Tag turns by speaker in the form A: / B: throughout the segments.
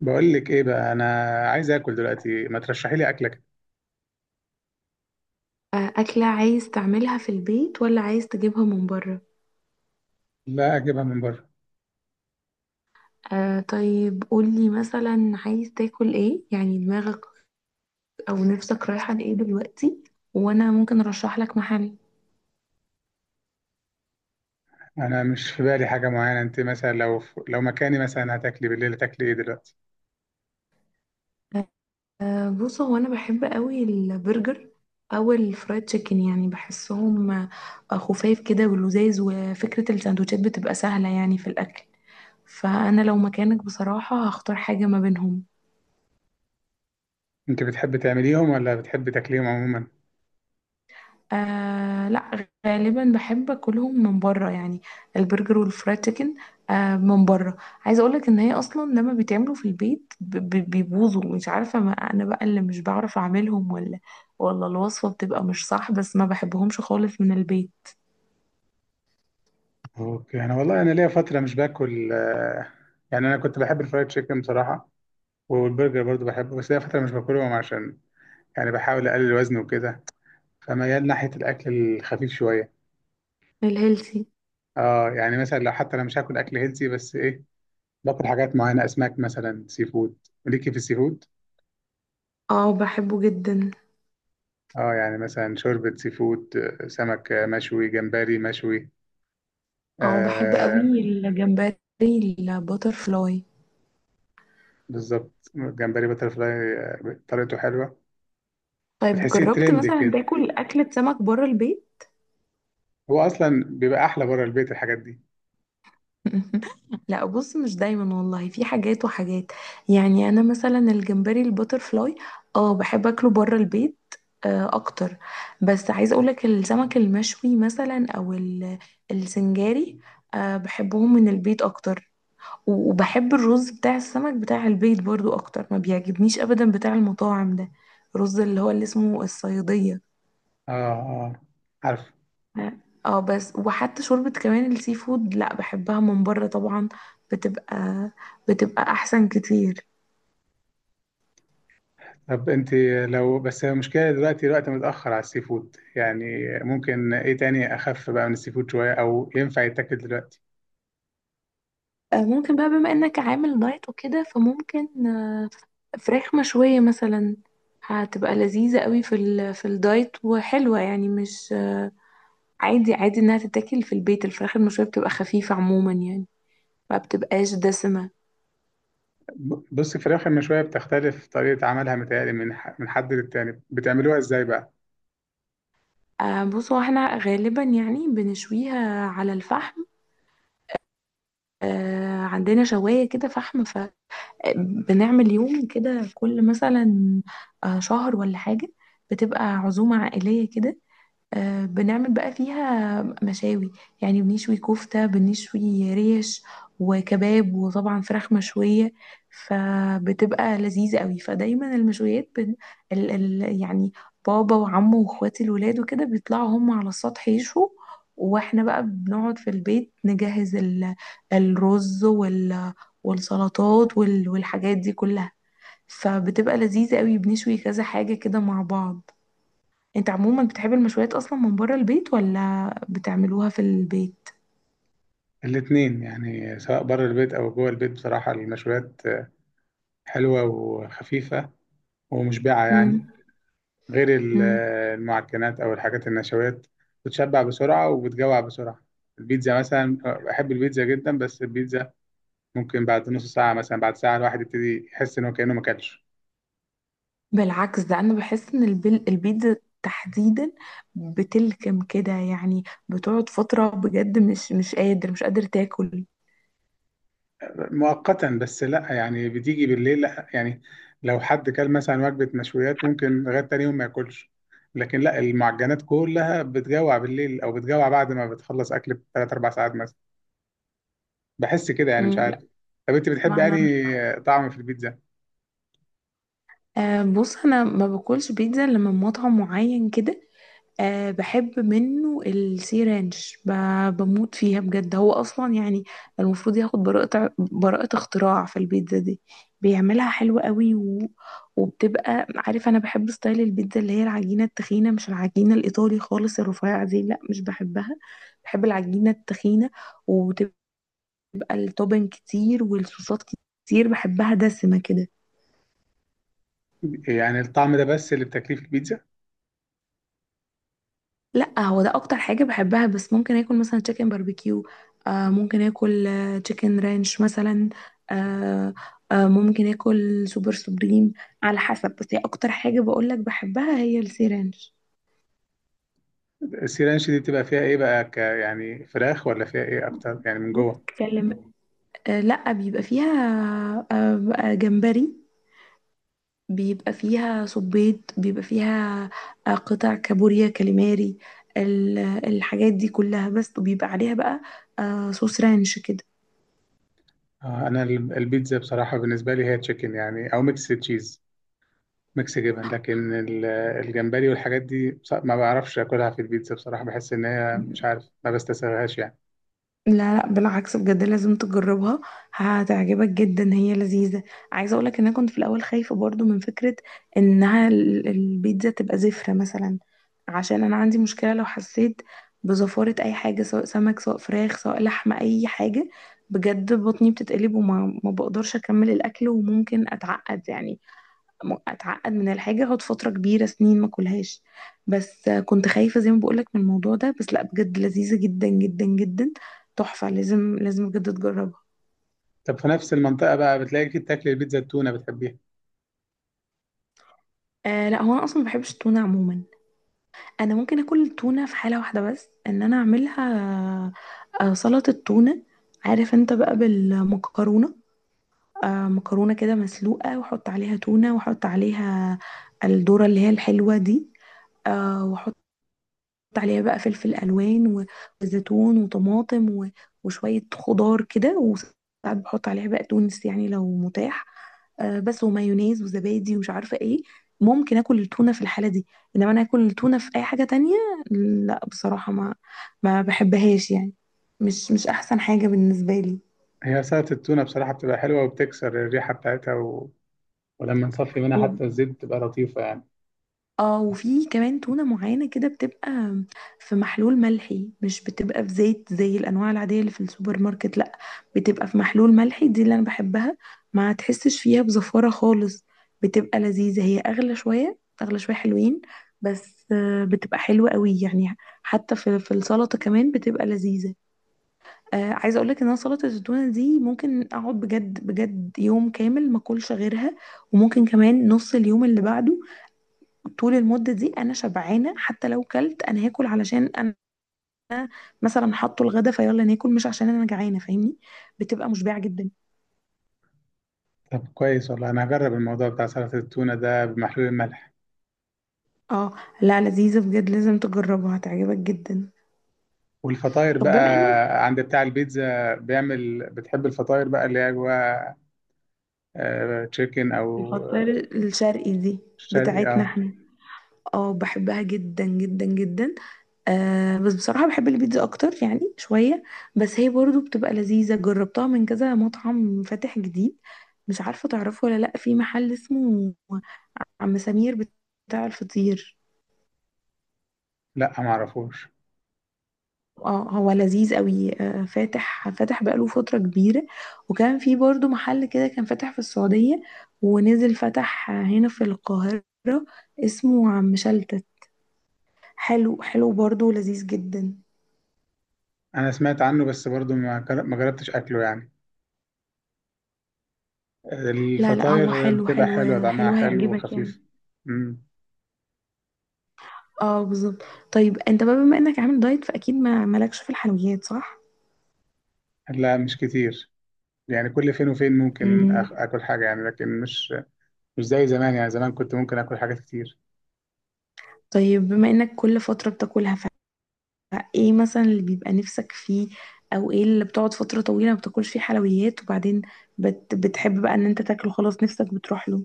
A: بقول لك ايه بقى. انا عايز اكل دلوقتي، ما ترشحي لي اكله كده.
B: آه، أكلة عايز تعملها في البيت ولا عايز تجيبها من بره؟
A: لا، اجيبها من بره.
B: آه، طيب قولي مثلا عايز تاكل ايه، يعني دماغك أو نفسك رايحة لإيه دلوقتي، وأنا ممكن أرشح لك محل.
A: انا مش في بالي حاجه معينه. انت مثلا لو مكاني، مثلا هتاكلي بالليل، هتاكلي ايه دلوقتي؟
B: آه، بص، هو أنا بحب قوي البرجر أو الفرايد تشيكن، يعني بحسهم خفاف كده ولذاذ، وفكرة السندوتشات بتبقى سهلة يعني في الأكل، فأنا لو مكانك بصراحة هختار حاجة ما بينهم.
A: انت بتحبي تعمليهم ولا بتحبي تاكليهم عموما؟
B: آه، لا غالبا بحب اكلهم من بره، يعني البرجر والفرايد تشيكن، آه من بره. عايزه اقولك ان هي اصلا لما بيتعملوا في البيت بيبوظوا. مش عارفه ما انا بقى اللي مش بعرف اعملهم ولا الوصفه بتبقى مش صح، بس ما بحبهمش خالص من البيت.
A: اوكي، انا والله انا ليا فتره مش باكل. يعني انا كنت بحب الفرايد تشيكن بصراحه، والبرجر برضو بحبه، بس ليا فتره مش باكلهم عشان يعني بحاول اقلل وزني وكده، فميال ناحيه الاكل الخفيف شويه.
B: الهيلثي.
A: اه يعني مثلا لو حتى انا مش هاكل اكل هيلثي، بس ايه، باكل حاجات معينة، أسماك مثلا، سي فود. ليكي في السي فود؟
B: اه، بحبه جدا.
A: اه، يعني مثلا شوربة سي فود، سمك، مشوي، جمبري مشوي،
B: اه، بحب
A: آه.
B: قوي الجمبري الباتر فلاي.
A: بالظبط، جمبري بترفلاي، آه، طريقته حلوة.
B: طيب،
A: بتحسيه
B: جربت
A: ترند
B: مثلا
A: كده،
B: تاكل اكلة سمك بره البيت؟
A: هو أصلا بيبقى أحلى بره البيت الحاجات دي.
B: لا، بص، مش دايما والله، في حاجات وحاجات. يعني انا مثلا الجمبري الباترفلاي اه بحب اكله بره البيت اكتر. بس عايزه اقولك السمك المشوي مثلا او السنجاري، بحبهم من البيت اكتر. وبحب الرز بتاع السمك بتاع البيت برضو اكتر، ما بيعجبنيش ابدا بتاع المطاعم ده، الرز اللي هو اللي اسمه الصيادية.
A: اه اه، عارف.
B: اه، بس وحتى شوربة كمان السي فود، لا بحبها من بره طبعا، بتبقى بتبقى احسن كتير.
A: طب انت، لو بس المشكلة دلوقتي الوقت متأخر على السي فود يعني، ممكن ايه تاني أخف بقى من السي فود شوية أو ينفع يتاكل دلوقتي؟
B: آه، ممكن بقى بما انك عامل دايت وكده فممكن فراخ مشوية مثلا. هتبقى لذيذة قوي في الدايت وحلوة، يعني مش عادي عادي انها تتاكل في البيت. الفراخ المشوية بتبقى خفيفة عموما يعني، ما بتبقاش دسمة.
A: بص، الفراخ المشوية بتختلف طريقة عملها، متهيألي من حد للتاني. بتعملوها ازاي بقى؟
B: بصوا، احنا غالبا يعني بنشويها على الفحم. عندنا شواية كده فحم. بنعمل يوم كده كل مثلا شهر ولا حاجة، بتبقى عزومة عائلية كده. بنعمل بقى فيها مشاوي، يعني بنشوي كفتة، بنشوي ريش وكباب وطبعا فراخ مشوية. فبتبقى لذيذة قوي، فدايما المشويات يعني بابا وعمه واخواتي الولاد وكده بيطلعوا هم على السطح يشوا. واحنا بقى بنقعد في البيت نجهز الرز والسلطات والحاجات دي كلها. فبتبقى لذيذة قوي، بنشوي كذا حاجة كده مع بعض. انت عموما بتحب المشويات اصلا من بره البيت، ولا بتعملوها في البيت؟
A: الاتنين، يعني سواء بره البيت أو جوه البيت بصراحة، المشويات حلوة وخفيفة ومشبعة
B: امم.
A: يعني، غير
B: امم.
A: المعجنات أو الحاجات النشويات، بتشبع بسرعة وبتجوع بسرعة. البيتزا مثلا، بحب البيتزا جدا، بس البيتزا ممكن بعد نص ساعة، مثلا بعد ساعة، الواحد يبتدي يحس إن هو كأنه ما أكلش.
B: بالعكس، ده انا بحس ان البيتزا تحديدا بتلكم كده، يعني بتقعد فترة بجد مش قادر مش قادر تاكل.
A: مؤقتا بس، لا يعني، بتيجي بالليل، لا يعني لو حد كل مثلا وجبة مشويات ممكن لغاية تاني يوم ما ياكلش، لكن لا، المعجنات كلها بتجوع بالليل او بتجوع بعد ما بتخلص اكل بثلاث اربع ساعات مثلا، بحس كده يعني، مش
B: مم، لا.
A: عارف. طب انت بتحبي
B: ما انا،
A: يعني طعم في البيتزا؟
B: بص انا ما باكلش بيتزا الا من مطعم معين كده. أه، بحب منه السي رانش، بموت فيها بجد. هو اصلا يعني المفروض ياخد براءة براءة اختراع في البيتزا دي. بيعملها حلوة قوي، وبتبقى، عارف، انا بحب ستايل البيتزا اللي هي العجينة التخينة، مش العجينة الايطالي خالص الرفيعة دي، لا مش بحبها. بحب العجينة التخينة، وتبقى التوبن كتير والصوصات كتير، بحبها دسمة كده.
A: يعني الطعم ده بس اللي بتاكليه في البيتزا؟
B: لا، هو ده اكتر حاجه بحبها، بس ممكن اكل مثلا تشيكن باربيكيو، ممكن اكل تشيكن رانش مثلا، آه ممكن اكل سوبر سوبريم، على حسب، بس هي اكتر حاجه بقولك بحبها هي السي رانش.
A: السيرانش دي بتبقى فيها ايه بقى؟ ك يعني فراخ ولا فيها ايه اكتر يعني من
B: بص،
A: جوه؟
B: تكلم. لا بيبقى فيها بقى جمبري، بيبقى فيها صبيط، بيبقى فيها قطع كابوريا، كاليماري، الحاجات دي كلها، بس وبيبقى عليها بقى صوص رانش كده.
A: آه، انا البيتزا بصراحة بالنسبة لي هي تشيكن يعني او ميكس تشيز، ميكس جبن، لكن الجمبري والحاجات دي، ما بعرفش اكلها في البيتزا بصراحه، بحس ان هي، مش عارف، ما بستساغهاش يعني.
B: لا، لا، بالعكس، بجد لازم تجربها، هتعجبك جدا، هي لذيذة. عايزة اقولك ان انا كنت في الاول خايفة برضو من فكرة انها البيتزا تبقى زفرة مثلا. عشان انا عندي مشكلة لو حسيت بزفارة اي حاجة، سواء سمك سواء فراخ سواء لحمة اي حاجة، بجد بطني بتتقلب، وما ما بقدرش اكمل الاكل، وممكن اتعقد يعني. اتعقد من الحاجه، اقعد فتره كبيره سنين ما اكلهاش. بس كنت خايفه زي ما بقولك من الموضوع ده، بس لا بجد لذيذه جدا جدا جدا، تحفه، لازم لازم بجد تجربها.
A: طب في نفس المنطقه بقى، بتلاقي في، بتاكل البيتزا التونه؟ بتحبيها؟
B: آه، لا هو انا اصلا ما بحبش التونه عموما. انا ممكن اكل التونه في حاله واحده بس ان انا اعملها، سلطه تونه. عارف انت بقى بالمكرونه، مكرونه كده مسلوقه، واحط عليها تونه، واحط عليها الذره اللي هي الحلوه دي، واحط عليها بقى فلفل الوان، وزيتون وطماطم، وشويه خضار كده، وساعات بحط عليها بقى تونس يعني لو متاح، بس ومايونيز وزبادي ومش عارفه ايه. ممكن اكل التونه في الحاله دي. انما انا اكل التونه في اي حاجه تانية، لا بصراحه ما بحبهاش يعني، مش احسن حاجه بالنسبه
A: هي سلطه التونه بصراحه بتبقى حلوه، وبتكسر الريحه بتاعتها، و... ولما نصفي منها
B: لي.
A: حتى الزيت بتبقى لطيفه يعني.
B: اه، وفي كمان تونة معينة كده بتبقى في محلول ملحي، مش بتبقى في زيت زي الأنواع العادية اللي في السوبر ماركت، لأ بتبقى في محلول ملحي، دي اللي أنا بحبها. ما تحسش فيها بزفارة خالص، بتبقى لذيذة، هي أغلى شوية أغلى شوية حلوين، بس بتبقى حلوة قوي يعني. حتى في السلطة كمان بتبقى لذيذة. آه، عايزة أقولك إن أنا سلطة التونة دي ممكن أقعد بجد بجد يوم كامل ما أكلش غيرها. وممكن كمان نص اليوم اللي بعده، طول المدة دي أنا شبعانة، حتى لو كلت أنا هاكل علشان أنا مثلا حاطه الغدا فيلا ناكل، مش عشان أنا جعانة، فاهمني. بتبقى مشبعة جدا.
A: طب كويس والله، انا هجرب الموضوع بتاع سلطه التونه ده بمحلول الملح.
B: اه، لا لذيذة بجد، لازم تجربها هتعجبك جدا.
A: والفطاير
B: طب بما انك.
A: بقى، عند بتاع البيتزا بيعمل، بتحب الفطاير بقى اللي هي جواها آه، تشيكن او
B: الفطاير الشرقي دي
A: شرقي؟
B: بتاعتنا
A: اه
B: احنا. اه، بحبها جدا جدا جدا. بس بصراحة بحب البيتزا أكتر يعني شوية. بس هي برضو بتبقى لذيذة، جربتها من كذا مطعم فاتح جديد، مش عارفة تعرفه ولا لأ، في محل اسمه عم سمير بتاع الفطير.
A: لا، ما اعرفوش.
B: اه، هو لذيذ قوي، فاتح فاتح بقاله فترة كبيرة. وكان في برضو محل كده كان فاتح في السعودية، ونزل فتح هنا في القاهرة، اسمه عم شلتت، حلو حلو برضو، لذيذ جدا.
A: انا سمعت عنه بس برضو ما جربتش اكله يعني.
B: لا، لا، هو
A: الفطاير
B: حلو
A: بتبقى
B: حلو
A: حلوه، طعمها
B: حلو،
A: حلو
B: هيعجبك يعني.
A: وخفيف. امم.
B: اه، بالظبط. طيب انت بقى بما انك عامل دايت فاكيد ما مالكش في الحلويات، صح؟
A: لا مش كتير، يعني كل فين وفين ممكن
B: مم.
A: اكل حاجه يعني، لكن مش، مش زي زمان يعني، زمان كنت ممكن اكل حاجات كتير.
B: طيب بما انك كل فترة بتاكلها، ايه مثلا اللي بيبقى نفسك فيه، او ايه اللي بتقعد فترة طويلة ما بتاكلش فيه حلويات وبعدين بتحب بقى ان انت تاكله، خلاص نفسك بتروح له؟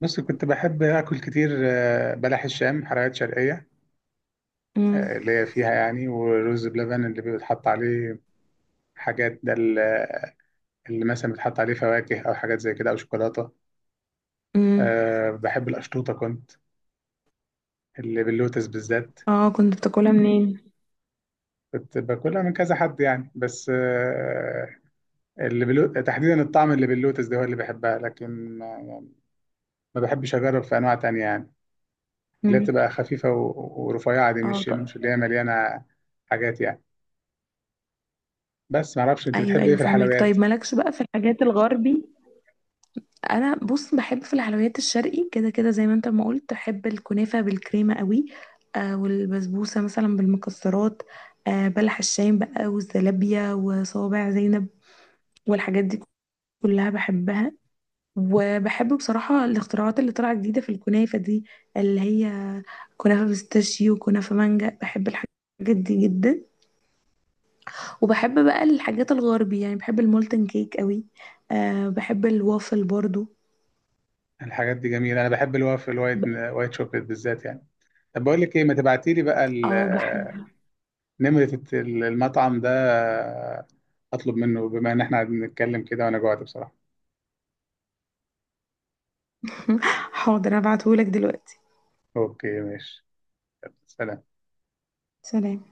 A: بس كنت بحب اكل كتير، آه، بلح الشام، حلويات شرقيه،
B: امم.
A: آه، اللي هي فيها يعني، ورز بلبن اللي بيتحط عليه حاجات، ده اللي مثلا بيتحط عليه فواكه او حاجات زي كده او شوكولاته.
B: امم.
A: أه، بحب القشطوطه كنت، اللي باللوتس بالذات.
B: اه، كنت بتاكلها منين؟
A: كنت باكلها من كذا حد يعني، بس آه، تحديدا الطعم اللي باللوتس ده هو اللي بحبها، لكن ما, يعني ما بحبش اجرب في انواع تانية يعني، اللي هي
B: امم.
A: بتبقى خفيفة و... ورفيعة دي،
B: اه،
A: مش
B: طب.
A: مش اللي هي مليانة حاجات يعني. بس ما اعرفش انت
B: ايوه،
A: بتحب ايه
B: ايوه،
A: في
B: فاهمك.
A: الحلويات.
B: طيب مالكش بقى في الحاجات الغربي؟ انا بص بحب في الحلويات الشرقي كده كده، زي ما انت ما قلت، بحب الكنافة بالكريمة قوي. والبسبوسة مثلا بالمكسرات، بلح الشام بقى، والزلابية وصوابع زينب والحاجات دي كلها بحبها. وبحب بصراحة الاختراعات اللي طالعة جديدة في الكنافة دي، اللي هي كنافة بيستاشيو وكنافة مانجا، بحب الحاجات دي جدا. وبحب بقى الحاجات الغربي، يعني بحب المولتن كيك قوي. أه، بحب الوافل برضو.
A: الحاجات دي جميلة، انا بحب الوافل،
B: ب-
A: الوايت، وايت شوكليت بالذات يعني. طب بقول لك ايه، ما تبعتي لي بقى
B: اه، بحب.
A: نمرة المطعم ده، آه، اطلب منه، بما ان احنا قاعدين نتكلم كده وانا جوعت بصراحة.
B: حاضر، هبعتهولك دلوقتي.
A: اوكي، ماشي. سلام.
B: سلام.